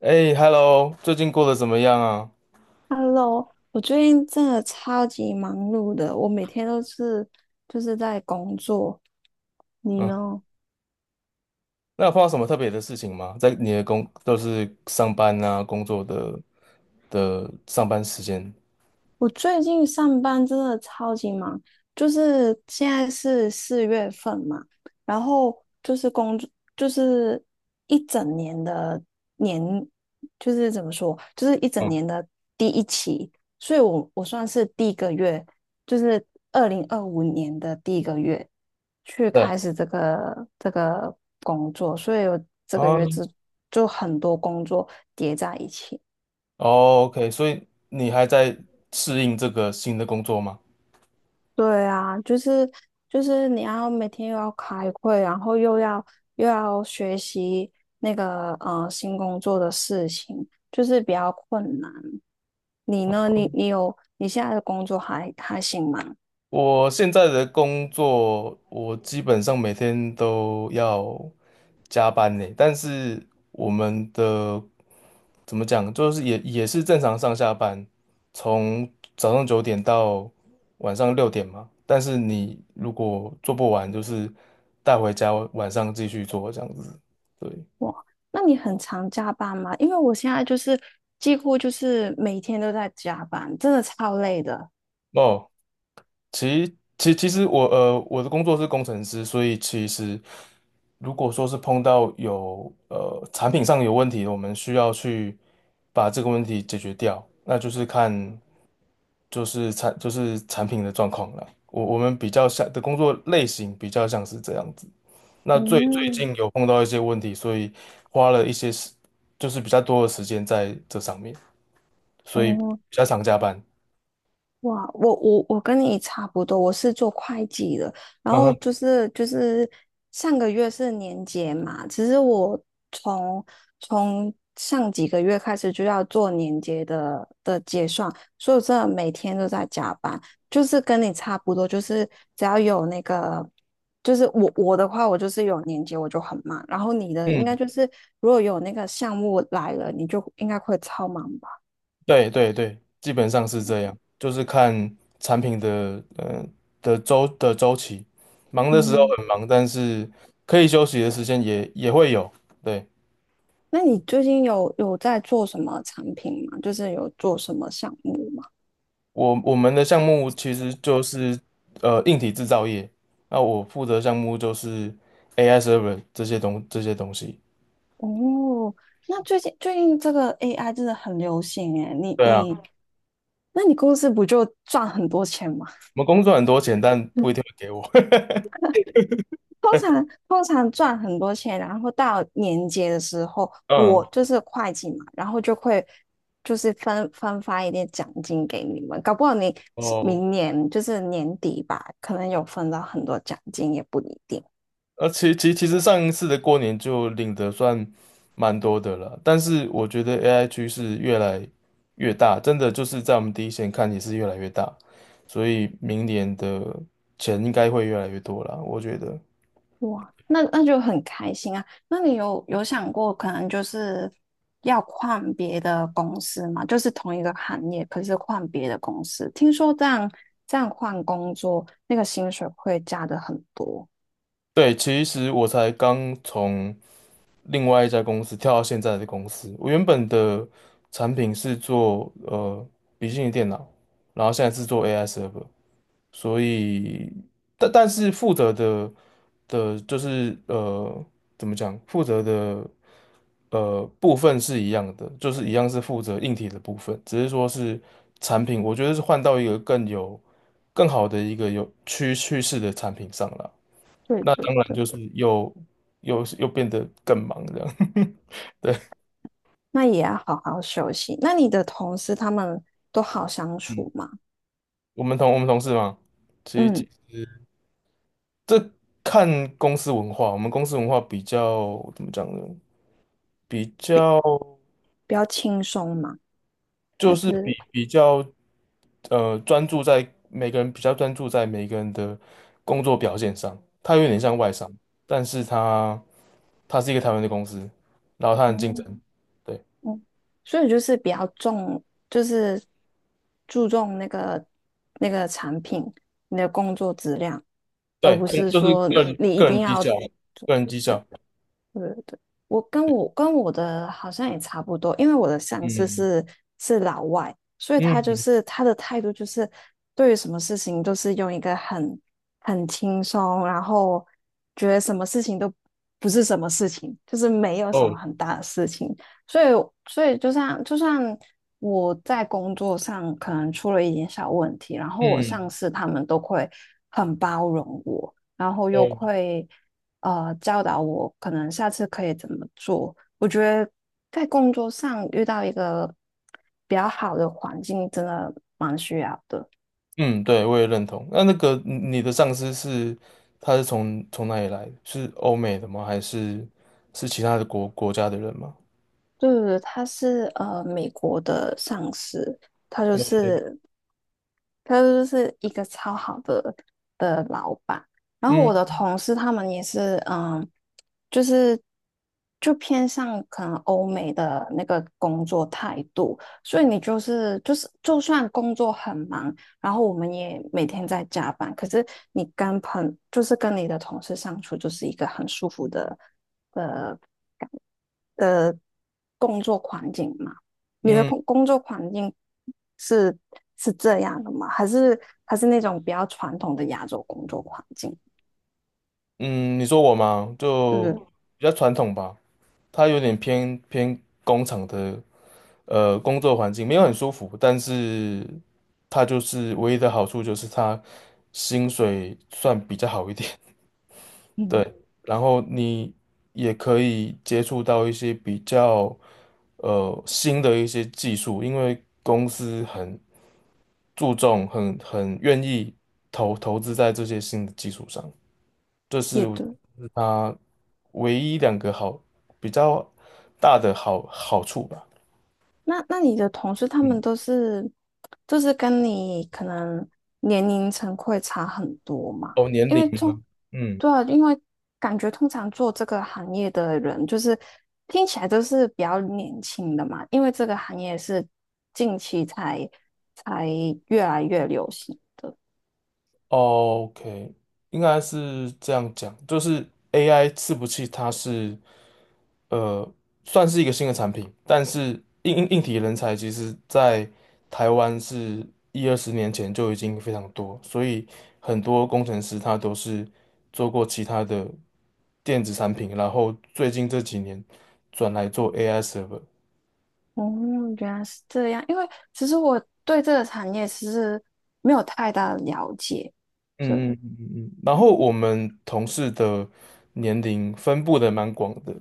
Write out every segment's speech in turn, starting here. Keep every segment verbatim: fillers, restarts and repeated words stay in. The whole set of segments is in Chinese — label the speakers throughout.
Speaker 1: 哎，Hello，最近过得怎么样啊？
Speaker 2: Hello，我最近真的超级忙碌的，我每天都是就是在工作。你
Speaker 1: 嗯，
Speaker 2: 呢？
Speaker 1: 那有碰到什么特别的事情吗？在你的工，都是上班啊，工作的的上班时间。
Speaker 2: 我最近上班真的超级忙，就是现在是四月份嘛，然后就是工作，就是一整年的年，就是怎么说，就是一整
Speaker 1: 嗯，
Speaker 2: 年的第一期，所以我我算是第一个月，就是二零二五年的第一个月去
Speaker 1: 对
Speaker 2: 开始这个这个工作，所以我这个
Speaker 1: 啊。
Speaker 2: 月就就很多工作叠在一起。
Speaker 1: 哦，OK，所以你还在适应这个新的工作吗？
Speaker 2: 对啊，就是就是你要每天又要开会，然后又要又要学习那个呃新工作的事情，就是比较困难。你呢？你你有你现在的工作还还行吗？
Speaker 1: 我现在的工作，我基本上每天都要加班呢，但是我们的怎么讲，就是也也是正常上下班，从早上九点到晚上六点嘛。但是你如果做不完，就是带回家晚上继续做这样子。对。
Speaker 2: 哇，那你很常加班吗？因为我现在就是几乎就是每天都在加班，真的超累的。
Speaker 1: 哦，其其其实我呃我的工作是工程师，所以其实如果说是碰到有呃产品上有问题，我们需要去把这个问题解决掉，那就是看就是产就是产品的状况了。我我们比较像的工作类型比较像是这样子。那最最
Speaker 2: 嗯，
Speaker 1: 近有碰到一些问题，所以花了一些时就是比较多的时间在这上面，所以比
Speaker 2: 哦，
Speaker 1: 较常加班。
Speaker 2: 哇，我我我跟你差不多，我是做会计的，然
Speaker 1: 嗯
Speaker 2: 后
Speaker 1: 哼，
Speaker 2: 就是就是上个月是年结嘛，其实我从从上几个月开始就要做年结的的结算，所以我真的每天都在加班，就是跟你差不多，就是只要有那个，就是我我的话，我就是有年结我就很忙，然后你的应该
Speaker 1: 嗯。
Speaker 2: 就是如果有那个项目来了，你就应该会超忙吧？
Speaker 1: 对对对，基本上是这样，就是看产品的呃的周的周期，忙的时候
Speaker 2: 嗯。
Speaker 1: 很忙，但是可以休息的时间也也会有。对，
Speaker 2: 那你最近有有在做什么产品吗？就是有做什么项目吗？
Speaker 1: 我我们的项目其实就是呃硬体制造业，那我负责项目就是 A I server 这些东这些东西。
Speaker 2: 哦，那最近最近这个 A I 真的很流行诶，你
Speaker 1: 对啊，
Speaker 2: 你，
Speaker 1: 我
Speaker 2: 那你公司不就赚很多钱吗？
Speaker 1: 们工作很多钱，但
Speaker 2: 嗯
Speaker 1: 不一定会给我。
Speaker 2: 通常通常赚很多钱，然后到年节的时候，我
Speaker 1: 嗯，
Speaker 2: 就是会计嘛，然后就会就是分分发一点奖金给你们，搞不好你
Speaker 1: 哦。
Speaker 2: 明年就是年底吧，可能有分到很多奖金也不一定。
Speaker 1: 呃，其其其实上一次的过年就领的算蛮多的了，但是我觉得 A I 趋势越来越大，真的就是在我们第一线看也是越来越大，所以明年的钱应该会越来越多啦，我觉得。
Speaker 2: 哇，那那就很开心啊！那你有有想过，可能就是要换别的公司吗？就是同一个行业，可是换别的公司。听说这样这样换工作，那个薪水会加的很多。
Speaker 1: 对，其实我才刚从另外一家公司跳到现在的公司，我原本的产品是做呃笔记型电脑，然后现在是做 A I server。所以，但但是负责的的，就是呃，怎么讲？负责的呃部分是一样的，就是一样是负责硬体的部分，只是说是产品，我觉得是换到一个更有更好的一个有趋趋势的产品上了。
Speaker 2: 对
Speaker 1: 那
Speaker 2: 对
Speaker 1: 当然
Speaker 2: 对，
Speaker 1: 就是又又又变得更忙这样。对。
Speaker 2: 那也要好好休息。那你的同事他们都好相
Speaker 1: 嗯，
Speaker 2: 处吗？
Speaker 1: 我们同我们同事嘛，其
Speaker 2: 嗯，
Speaker 1: 实。这看公司文化，我们公司文化比较怎么讲呢？比较
Speaker 2: 比比较轻松吗？
Speaker 1: 就
Speaker 2: 还
Speaker 1: 是比
Speaker 2: 是
Speaker 1: 比较呃专注在每个人比较专注在每个人的工作表现上，它有点像外商，但是它它是一个台湾的公司，然后它很竞
Speaker 2: 嗯
Speaker 1: 争。对
Speaker 2: 嗯，所以就是比较重，就是注重那个那个产品，你的工作质量，而
Speaker 1: 对，
Speaker 2: 不
Speaker 1: 嗯
Speaker 2: 是
Speaker 1: 就是
Speaker 2: 说
Speaker 1: 个人
Speaker 2: 你一
Speaker 1: 个
Speaker 2: 定
Speaker 1: 人绩
Speaker 2: 要。
Speaker 1: 效，个人绩效，
Speaker 2: 对对对，我跟我跟我的好像也差不多，因为我的上司
Speaker 1: 嗯
Speaker 2: 是是老外，所以他就
Speaker 1: 嗯，
Speaker 2: 是他的态度就是对于什么事情都是用一个很很轻松，然后觉得什么事情都不是什么事情，就是没有什么
Speaker 1: 哦，
Speaker 2: 很大的事情，所以所以就像就算我在工作上可能出了一点小问题，然后我上
Speaker 1: 嗯，
Speaker 2: 司他们都会很包容我。然后又
Speaker 1: 哦，
Speaker 2: 会呃教导我，可能下次可以怎么做。我觉得在工作上遇到一个比较好的环境，真的。
Speaker 1: 嗯。对，我也认同。那那个你你的上司是他是从从哪里来的？是欧美的吗？还是是其他的国国家的人吗
Speaker 2: 对对对，他是呃美国的上司，他就
Speaker 1: ？OK。
Speaker 2: 是他就是一个超好的的老板。然后我的
Speaker 1: 嗯
Speaker 2: 同事他们也是，嗯，就是就偏向可能欧美的那个工作态度，所以你就是就是就算工作很忙，然后我们也每天在加班，可是你跟朋就是跟你的同事相处，就是一个很舒服的。呃。的工作环境嘛，你的
Speaker 1: 嗯
Speaker 2: 工工作环境是是这样的吗？还是还是那种比较传统的亚洲工作环境？
Speaker 1: 嗯，你说我吗？
Speaker 2: 对不
Speaker 1: 就
Speaker 2: 对？
Speaker 1: 比较传统吧，他有点偏偏工厂的呃工作环境，没有很舒服，但是他就是唯一的好处就是他薪水算比较好一点。对，
Speaker 2: 嗯，
Speaker 1: 然后你也可以接触到一些比较呃新的一些技术，因为公司很注重、很很愿意投投资在这些新的技术上。
Speaker 2: 也对。
Speaker 1: 唯一两个好比较大的好好处吧。
Speaker 2: 那那你的同事他们
Speaker 1: 嗯，
Speaker 2: 都是，就是跟你可能年龄层会差很多嘛？
Speaker 1: 哦，年
Speaker 2: 因
Speaker 1: 龄
Speaker 2: 为
Speaker 1: 吗？
Speaker 2: 通，
Speaker 1: 嗯，
Speaker 2: 对啊，因为感觉通常做这个行业的人，就是听起来都是比较年轻的嘛，因为这个行业是近期才才越来越流行的。
Speaker 1: 哦，OK，应该是这样讲，就是 A I 伺服器它是。呃，算是一个新的产品，但是硬硬硬体人才其实在台湾是一二十年前就已经非常多，所以很多工程师他都是做过其他的电子产品，然后最近这几年转来做 A I server。
Speaker 2: 哦，原来是这样。因为其实我对这个产业其实没有太大的了解。对，
Speaker 1: 嗯嗯嗯嗯嗯。然后我们同事的年龄分布的蛮广的，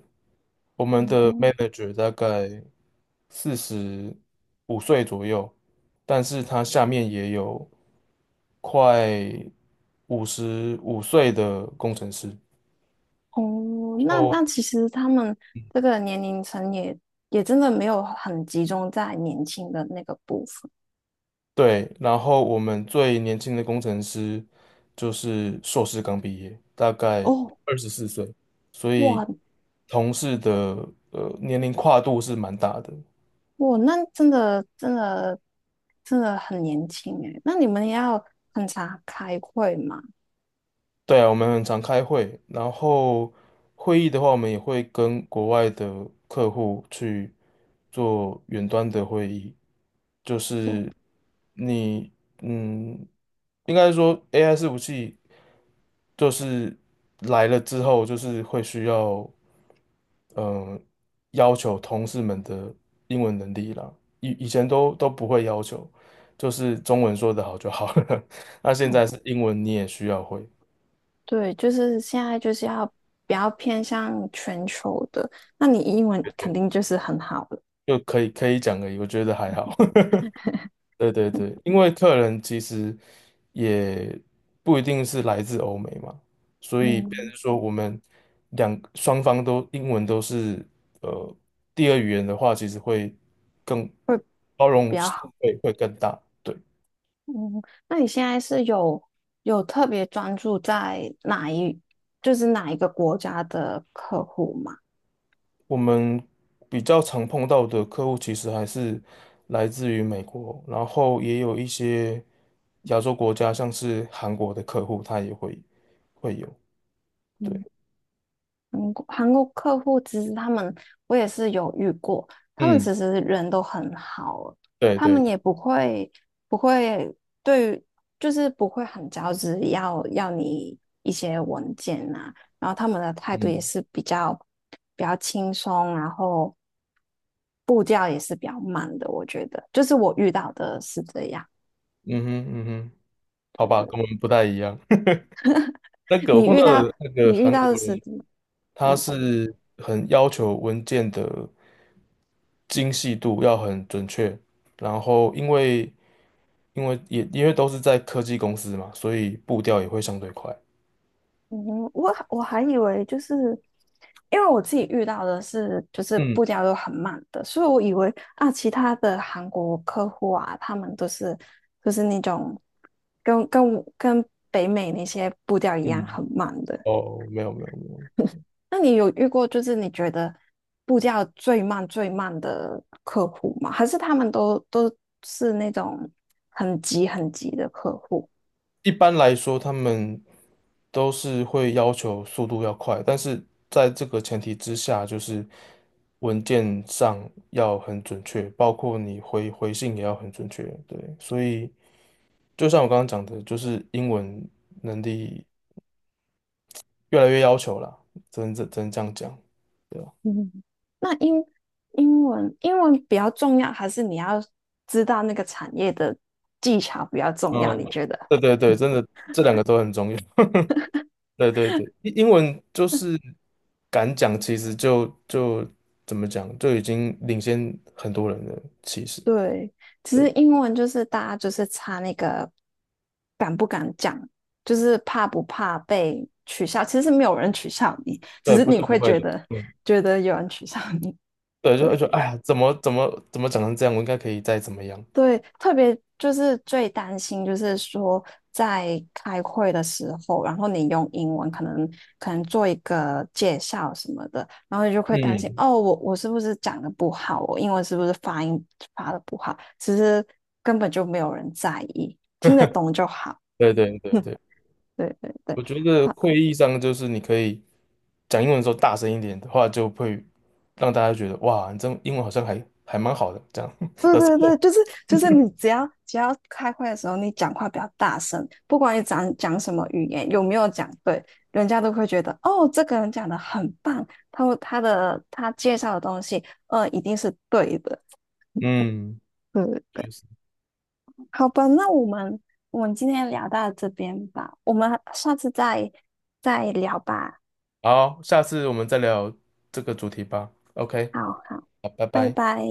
Speaker 1: 我们的 manager 大概四十五岁左右，但是他下面也有快五十五岁的工程师。
Speaker 2: 哦，那
Speaker 1: 哦，
Speaker 2: 那其实他们这个年龄层也也真的没有很集中在年轻的那个部分。
Speaker 1: 对，然后我们最年轻的工程师就是硕士刚毕业，大概
Speaker 2: 哦，
Speaker 1: 二十四岁，所以
Speaker 2: 哇
Speaker 1: 同事的呃年龄跨度是蛮大的。
Speaker 2: 哇，那真的真的真的很年轻诶。那你们要很常开会嘛？
Speaker 1: 对啊，我们很常开会，然后会议的话，我们也会跟国外的客户去做远端的会议，就
Speaker 2: 哦，
Speaker 1: 是你，嗯，应该说 A I 伺服器就是来了之后，就是会需要，嗯、要求同事们的英文能力啦。以以前都都不会要求，就是中文说得好就好了。那现
Speaker 2: 哦，
Speaker 1: 在是英文你也需要会，
Speaker 2: 对，就是现在就是要比较偏向全球的。那你英文肯定就是很好了，
Speaker 1: 就可以可以讲而已，我觉得还好。对对对，因为客人其实也不一定是来自欧美嘛，所以变
Speaker 2: 嗯，
Speaker 1: 成说我们两双方都英文都是呃第二语言的话，其实会更包容
Speaker 2: 比较
Speaker 1: 性
Speaker 2: 好。
Speaker 1: 会会更大。对，
Speaker 2: 嗯，那你现在是有有特别专注在哪一，就是哪一个国家的客户吗？
Speaker 1: 我们比较常碰到的客户其实还是来自于美国，然后也有一些亚洲国家，像是韩国的客户，他也会会有。对，
Speaker 2: 嗯韩国韩国客户其实他们，我也是有遇过，他们
Speaker 1: 嗯，
Speaker 2: 其实人都很好，
Speaker 1: 对
Speaker 2: 他
Speaker 1: 对，
Speaker 2: 们也不会不会对于就是不会很着急要要你一些文件呐、啊然后他们的态度也
Speaker 1: 嗯。
Speaker 2: 是比较比较轻松，然后步调也是比较慢的，我觉得，就是我遇到的是这样，
Speaker 1: 嗯哼，嗯哼，好
Speaker 2: 对
Speaker 1: 吧，
Speaker 2: 对，
Speaker 1: 跟我们不太一样。那个我
Speaker 2: 你
Speaker 1: 碰
Speaker 2: 遇
Speaker 1: 到
Speaker 2: 到
Speaker 1: 的那个
Speaker 2: 你遇
Speaker 1: 韩国
Speaker 2: 到的是
Speaker 1: 人，
Speaker 2: 怎么？
Speaker 1: 他
Speaker 2: 嗯
Speaker 1: 是很要求文件的精细度要很准确，然后因为因为也因为都是在科技公司嘛，所以步调也会相对快。
Speaker 2: 嗯我我还以为就是，因为我自己遇到的是就是
Speaker 1: 嗯
Speaker 2: 步调都很慢的，所以我以为啊，其他的韩国客户啊，他们都是就是那种跟跟跟北美那些步调一样
Speaker 1: 嗯，
Speaker 2: 很慢的。
Speaker 1: 哦，没有没有没有。
Speaker 2: 那你有遇过就是你觉得步调最慢最慢的客户吗？还是他们都都是那种很急很急的客户？
Speaker 1: 一般来说，他们都是会要求速度要快，但是在这个前提之下，就是文件上要很准确，包括你回回信也要很准确。对，所以就像我刚刚讲的，就是英文能力越来越要求啦，只能只能这样讲，对吧？
Speaker 2: 嗯，那英英文英文比较重要，还是你要知道那个产业的技巧比较重要？
Speaker 1: 嗯，
Speaker 2: 你觉得？
Speaker 1: 对对对，真的这两个都很重要。对对对，英英文就是敢讲，其实就就怎么讲，就已经领先很多人了。其实，
Speaker 2: 对，其实英文就是大家就是差那个敢不敢讲，就是怕不怕被取笑。其实没有人取笑你，只
Speaker 1: 对，
Speaker 2: 是
Speaker 1: 不
Speaker 2: 你
Speaker 1: 是不
Speaker 2: 会
Speaker 1: 会
Speaker 2: 觉
Speaker 1: 的，
Speaker 2: 得
Speaker 1: 嗯，
Speaker 2: 觉得有人取笑你。
Speaker 1: 对，就
Speaker 2: 对，
Speaker 1: 就哎呀，怎么怎么怎么讲成这样，我应该可以再怎么样。
Speaker 2: 对，特别就是最担心，就是说在开会的时候，然后你用英文可能可能做一个介绍什么的，然后你就会担心
Speaker 1: 嗯，
Speaker 2: 哦，我我是不是讲的不好，我英文是不是发音发的不好？其实根本就没有人在意，听得懂就好。
Speaker 1: 对对对对，
Speaker 2: 对对对，
Speaker 1: 我觉得
Speaker 2: 好。
Speaker 1: 会议上就是你可以讲英文的时候大声一点的话，就会让大家觉得哇，你这英文好像还还蛮好的这样。
Speaker 2: 对对对，就是就是你只要只要开会的时候，你讲话比较大声，不管你讲讲什么语言，有没有讲对，人家都会觉得哦，这个人讲的很棒，他会他的他介绍的东西，呃，一定是对的。
Speaker 1: 嗯，
Speaker 2: 对对对，
Speaker 1: 确实。
Speaker 2: 好吧，那我们我们今天聊到这边吧，我们下次再再聊吧。
Speaker 1: 好，下次我们再聊这个主题吧。OK，
Speaker 2: 好好，
Speaker 1: 好，拜
Speaker 2: 拜
Speaker 1: 拜。
Speaker 2: 拜。